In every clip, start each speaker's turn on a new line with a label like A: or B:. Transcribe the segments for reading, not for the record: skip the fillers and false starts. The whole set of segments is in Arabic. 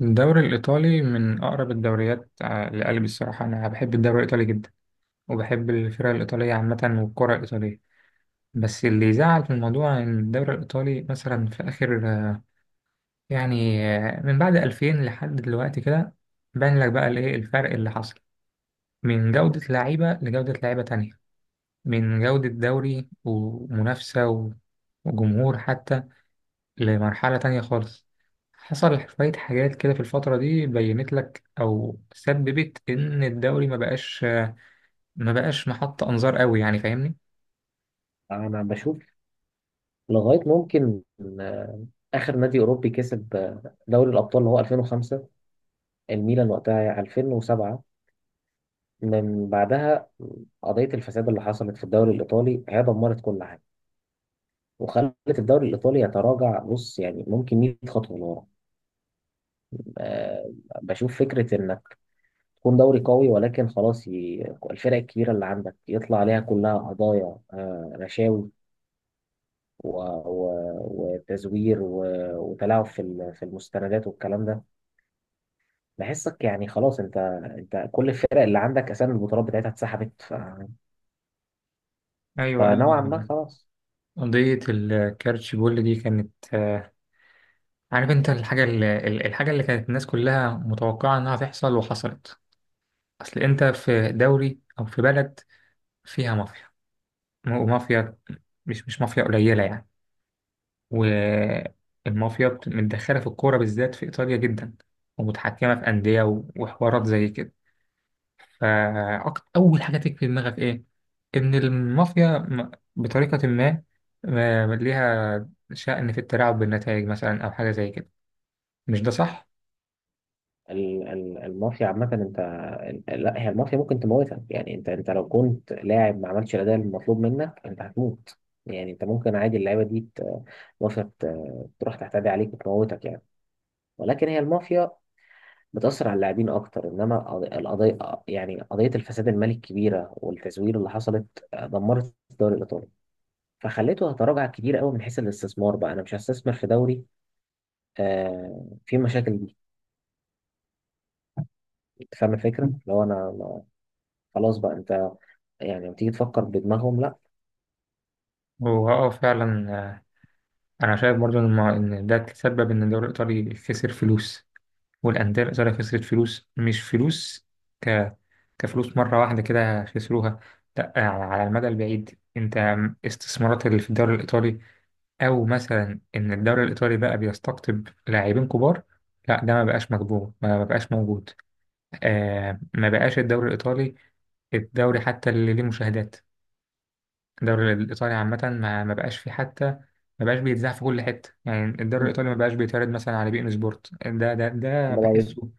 A: الدوري الإيطالي من أقرب الدوريات لقلبي. الصراحة أنا بحب الدوري الإيطالي جدا، وبحب الفرق الإيطالية عامة والكرة الإيطالية. بس اللي يزعل في الموضوع إن الدوري الإيطالي مثلا في آخر، يعني من بعد 2000 لحد دلوقتي كده باين لك بقى الإيه الفرق اللي حصل، من جودة لعيبة لجودة لعيبة تانية، من جودة دوري ومنافسة وجمهور حتى، لمرحلة تانية خالص. حصل شوية حاجات كده في الفترة دي بينت لك أو سببت إن الدوري ما بقاش، ما بقاش محط أنظار قوي يعني، فاهمني؟
B: انا بشوف لغايه ممكن آه، اخر نادي اوروبي كسب دوري الابطال اللي هو 2005. الميلان وقتها 2007. من بعدها قضيه الفساد اللي حصلت في الدوري الايطالي هي دمرت كل حاجه، وخلت الدوري الايطالي يتراجع. بص يعني ممكن 100 خطوه لورا. آه، بشوف فكره انك تكون دوري قوي، ولكن خلاص. الفرق الكبيره اللي عندك يطلع عليها كلها قضايا رشاوي و... و... وتزوير وتلاعب في في المستندات والكلام ده. بحسك يعني خلاص انت كل الفرق اللي عندك اسامي البطولات بتاعتها اتسحبت.
A: أيوه،
B: فنوعا ما
A: أيوه.
B: خلاص.
A: قضية الكارتشبول دي كانت، عارف أنت الحاجة اللي، الحاجة اللي كانت الناس كلها متوقعة إنها تحصل وحصلت. أصل أنت في دوري أو في بلد فيها مافيا، ومافيا، مش مافيا قليلة يعني. والمافيا متدخلة في الكورة بالذات في إيطاليا جدا، ومتحكمة في أندية وحوارات زي كده. فأول حاجة تيجي في دماغك إيه؟ إن المافيا، بطريقة ما، ليها شأن في التلاعب بالنتائج مثلا أو حاجة زي كده، مش ده صح؟
B: المافيا عامة انت. لا، هي المافيا ممكن تموتك. يعني انت لو كنت لاعب ما عملتش الاداء المطلوب منك، انت هتموت. يعني انت ممكن عادي، اللعيبه دي المافيا تروح تعتدي عليك وتموتك يعني. ولكن هي المافيا بتأثر على اللاعبين أكتر، إنما القضية، يعني قضية الفساد المالي الكبيرة والتزوير اللي حصلت دمرت الدوري الإيطالي، فخليته يتراجع كتير قوي. من حيث الاستثمار بقى، أنا مش هستثمر في دوري فيه مشاكل دي. أنت فاهم الفكرة؟ لو أنا خلاص بقى أنت، يعني لما تيجي تفكر بدماغهم، لا.
A: هو فعلا، أنا شايف برضه إن إن ده تسبب إن الدوري الإيطالي خسر فلوس، والأندية الإيطالية خسرت فلوس. مش فلوس ك... كفلوس مرة واحدة كده خسروها، لأ، على على المدى البعيد. أنت استثمارات اللي في الدوري الإيطالي، أو مثلا إن الدوري الإيطالي بقى بيستقطب لاعبين كبار، لا ده ما بقاش مقبول، ما بقاش موجود. ما بقاش الدوري الإيطالي، الدوري حتى اللي ليه مشاهدات، الدوري الإيطالي عامة ما بقاش فيه حتى، ما بقاش بيتذاع في كل حتة. يعني الدوري الإيطالي ما بقاش بيتعرض مثلا على بي إن سبورت، ده
B: ده بقى بيت-
A: بحسه.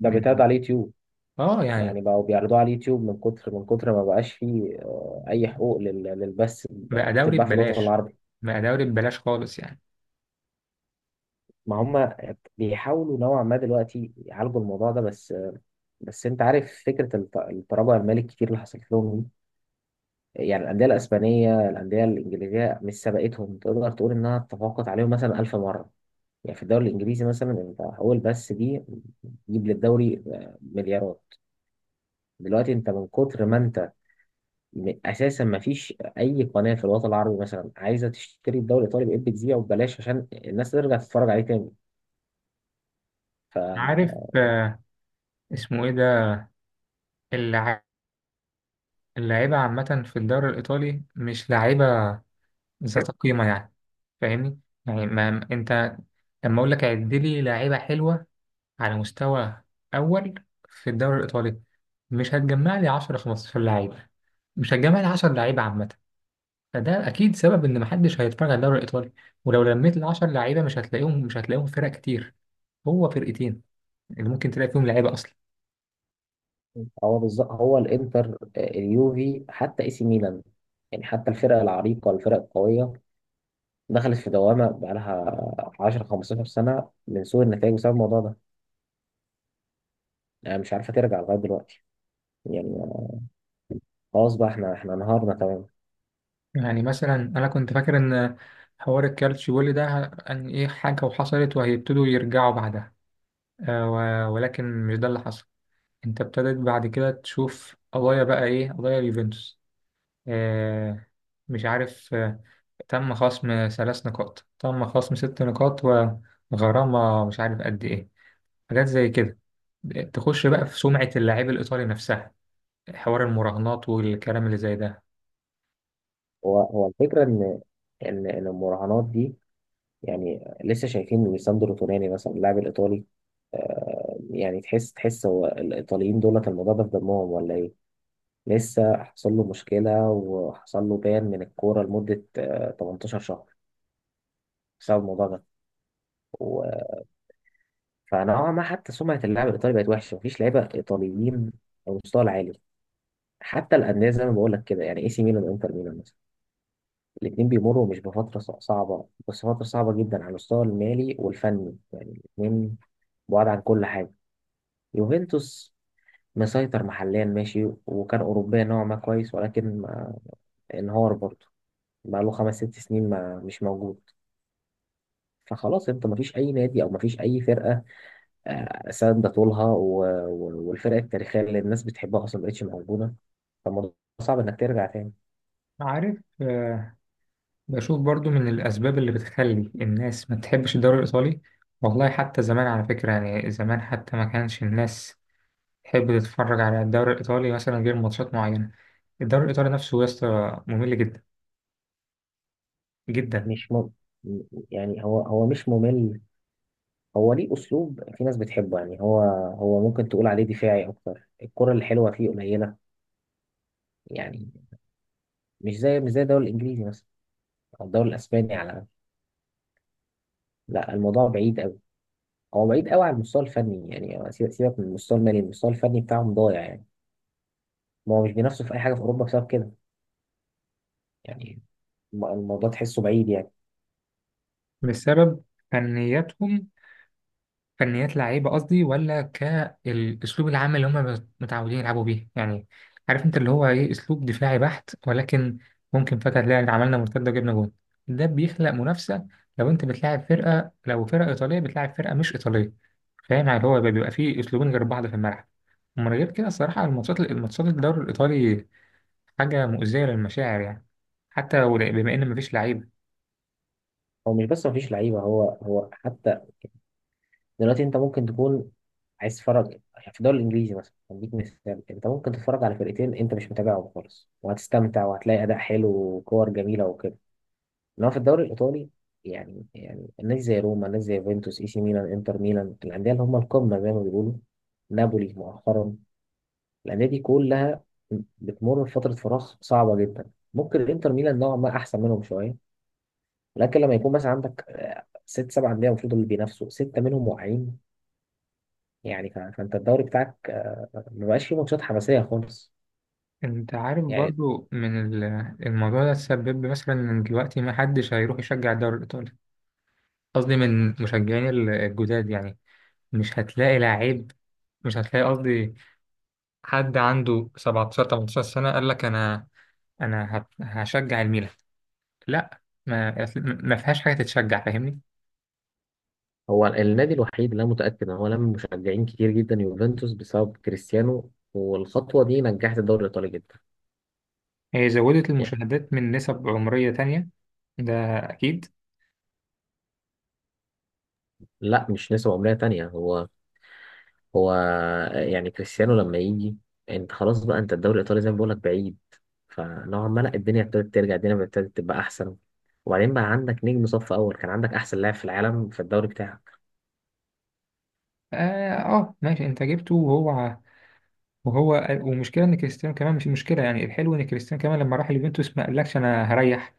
B: ده بيتعرض
A: من،
B: على اليوتيوب.
A: اه يعني،
B: يعني بقوا بيعرضوه على اليوتيوب، من كتر ما بقاش فيه أي حقوق للبث
A: بقى دوري
B: بتتباع في الوطن
A: ببلاش،
B: العربي.
A: بقى دوري ببلاش خالص يعني.
B: ما هم بيحاولوا نوعا ما دلوقتي يعالجوا الموضوع ده، بس انت عارف فكره التراجع المالي الكتير اللي حصلت لهم دي. يعني الانديه الاسبانيه، الانديه الانجليزيه، مش سبقتهم، تقدر تقول انها تفوقت عليهم مثلا 1000 مره. يعني في الدوري الانجليزي مثلا، انت اول بس دي تجيب للدوري مليارات. دلوقتي انت من كتر ما انت اساسا ما فيش اي قناه في الوطن العربي مثلا عايزه تشتري الدوري الايطالي، بقيت بتذيعه ببلاش عشان الناس ترجع تتفرج عليه تاني.
A: عارف، اسمه ايه ده؟ اللع- اللعيبة عامة في الدوري الإيطالي مش لعيبة ذات قيمة يعني، فاهمني؟ يعني ما انت، لما اقول لك عد لي لعيبة حلوة على مستوى أول في الدوري الإيطالي، مش هتجمع لي 10 15 لعيبة، مش هتجمع لي 10 لعيبة عامة. فده أكيد سبب إن محدش هيتفرج على الدوري الإيطالي. ولو لميت ال 10 لعيبة، مش هتلاقيهم، مش هتلاقيهم فرق كتير، هو فرقتين اللي ممكن تلاقي فيهم لعيبه اصلا.
B: هو بالظبط، هو الانتر اليوفي، حتى اي سي ميلان. يعني حتى الفرق العريقه والفرق القويه دخلت في دوامه بقى لها 10 15 سنه من سوء النتائج بسبب الموضوع ده. يعني مش عارفه ترجع لغايه دلوقتي. يعني خلاص بقى احنا انهارنا تمام.
A: يعني مثلا انا كنت فاكر ان حوار الكالتشيو ده، ان ايه حاجه وحصلت وهيبتدوا يرجعوا بعدها، ولكن مش ده اللي حصل. انت ابتدت بعد كده تشوف قضايا، بقى ايه؟ قضايا اليوفنتوس، آه مش عارف، تم خصم ثلاث نقاط، تم خصم ست نقاط، وغرامه مش عارف قد ايه، حاجات زي كده تخش بقى في سمعه اللاعب الايطالي نفسها، حوار المراهنات والكلام اللي زي ده.
B: هو الفكره ان ان إن المراهنات دي، يعني لسه شايفين ليساندرو توناني مثلا اللاعب الايطالي يعني تحس هو الايطاليين دولت الموضوع ده في دمهم ولا إيه؟ لسه حصل له مشكلة، وحصل له بان من الكورة لمدة 18 شهر بسبب الموضوع ده. و... فنوعا ما حتى سمعة اللاعب الإيطالي بقت وحشة، مفيش لعيبة إيطاليين على المستوى العالي. حتى الأندية زي ما بقول لك كده، يعني إي سي ميلان وإنتر ميلان مثلا، الاتنين بيمروا مش بفترة صعبة، بس فترة صعبة جدا على المستوى المالي والفني يعني. الاتنين بعاد عن كل حاجة. يوفنتوس مسيطر محليا ماشي، وكان أوروبيا نوعا ما كويس، ولكن انهار برضه. بقاله 5 6 سنين ما مش موجود. فخلاص انت، مفيش اي نادي او مفيش اي فرقه ساندة طولها والفرق التاريخيه اللي الناس بتحبها اصلا مبقتش موجوده. فالموضوع صعب انك ترجع تاني.
A: عارف، بشوف برضو من الأسباب اللي بتخلي الناس ما تحبش الدوري الإيطالي. والله حتى زمان، على فكرة، يعني زمان حتى ما كانش الناس تحب تتفرج على الدوري الإيطالي مثلا غير ماتشات معينة. الدوري الإيطالي نفسه يا اسطى ممل جدا، جدا.
B: مش م... يعني هو مش ممل. هو ليه اسلوب في ناس بتحبه. يعني هو، هو ممكن تقول عليه دفاعي اكتر، الكره الحلوه فيه قليله. يعني مش زي الدوري الانجليزي مثلا، او الدوري الاسباني على الأقل. لا، الموضوع بعيد قوي. هو بعيد قوي على المستوى الفني. يعني سيبك من المستوى المالي، المستوى الفني بتاعهم ضايع يعني. ما هو مش بينافسوا في اي حاجه في اوروبا بسبب كده. يعني الموضوع تحسه بعيد يعني.
A: بسبب فنياتهم، فنيات لعيبه قصدي، ولا كالاسلوب العام اللي هم متعودين يلعبوا بيه يعني؟ عارف انت اللي هو ايه؟ اسلوب دفاعي بحت، ولكن ممكن فجاه تلاقي عملنا مرتده وجبنا جون، ده بيخلق منافسه. لو انت بتلاعب فرقه، لو فرقه ايطاليه بتلاعب فرقه مش ايطاليه، فاهم يعني؟ هو بيبقى فيه اسلوبين غير بعض في الملعب. ومن غير كده الصراحه، الماتشات الدوري الايطالي حاجه مؤذيه للمشاعر يعني، حتى بما ان مفيش لعيبه.
B: هو مش بس مفيش لعيبه، هو حتى دلوقتي انت ممكن تكون عايز تتفرج. يعني في الدوري الانجليزي مثلا، هديك مثال، انت ممكن تتفرج على فرقتين انت مش متابعهم خالص وهتستمتع، وهتلاقي اداء حلو وكور جميله وكده. انما في الدوري الايطالي، يعني الناس زي روما، الناس زي يوفنتوس، اي سي ميلان، انتر ميلان، الانديه اللي هم القمه زي ما بيقولوا، نابولي مؤخرا، الانديه دي كلها بتمر بفتره فراغ صعبه جدا. ممكن الانتر ميلان نوعا ما احسن منهم شويه، لكن لما يكون مثلا عندك 6 7 أندية المفروض اللي بينافسوا، ستة منهم واقعين، يعني فأنت الدوري بتاعك ما بقاش فيه ماتشات حماسية خالص
A: انت عارف
B: يعني.
A: برضو، من الموضوع ده تسبب مثلا ان دلوقتي ما حدش هيروح يشجع الدوري الايطالي. قصدي من مشجعين الجداد يعني. مش هتلاقي لعيب، مش هتلاقي قصدي حد عنده 17 18 سنة قال لك انا، هشجع الميلان. لا، ما فيهاش حاجة تتشجع، فاهمني؟
B: هو النادي الوحيد اللي أنا متأكد إن هو لم مشجعين كتير جدا يوفنتوس، بسبب كريستيانو، والخطوة دي نجحت الدوري الإيطالي جدا.
A: هي زودت
B: يعني
A: المشاهدات من نسب عمرية تانية، ده اكيد.
B: لا، مش نسبة عمرية تانية. هو، هو يعني كريستيانو لما يجي، انت خلاص بقى، انت الدوري الايطالي زي ما بقولك بعيد. فنوعا ما لا، الدنيا ابتدت ترجع، الدنيا ابتدت تبقى احسن. وبعدين بقى عندك نجم صف اول، كان عندك احسن لاعب في العالم في الدوري بتاعك.
A: اه، ماشي، انت جبته وهو، وهو ومشكلة إن كريستيانو كمان مش مشكلة، يعني الحلو إن كريستيانو كمان لما راح اليوفنتوس ما قالكش أنا هريح،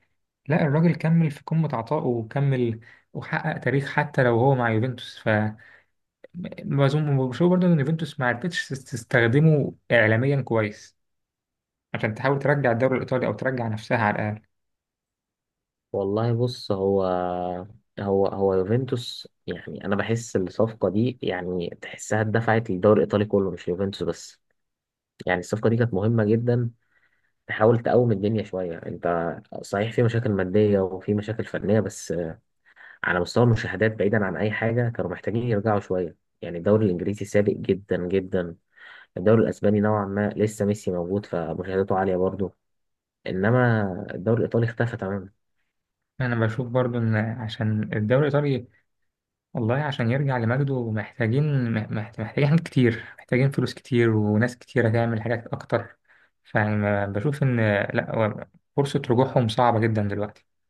A: لا، الراجل كمل في قمة عطائه، وكمل وحقق تاريخ حتى لو هو مع يوفنتوس. ف ما أظن، بشوف برضه إن يوفنتوس ما عرفتش تستخدمه إعلاميا كويس، عشان تحاول ترجع الدوري الإيطالي أو ترجع نفسها على الأقل.
B: والله بص، هو يوفنتوس. يعني انا بحس الصفقه دي، يعني تحسها اتدفعت للدوري الايطالي كله مش يوفنتوس بس. يعني الصفقه دي كانت مهمه جدا، تحاول تقوم الدنيا شويه. انت صحيح في مشاكل ماديه وفي مشاكل فنيه، بس على مستوى المشاهدات، بعيدا عن اي حاجه، كانوا محتاجين يرجعوا شويه. يعني الدوري الانجليزي سابق جدا جدا. الدوري الاسباني نوعا ما لسه ميسي موجود، فمشاهداته عاليه برضه. انما الدوري الايطالي اختفى تماما.
A: أنا بشوف برضه إن عشان الدوري الإيطالي، والله عشان يرجع لمجده، محتاجين، محتاجين حاجات كتير، محتاجين فلوس كتير، وناس كتير هتعمل حاجات أكتر. فأنا بشوف إن، لأ، هو فرصة رجوعهم صعبة جدا دلوقتي.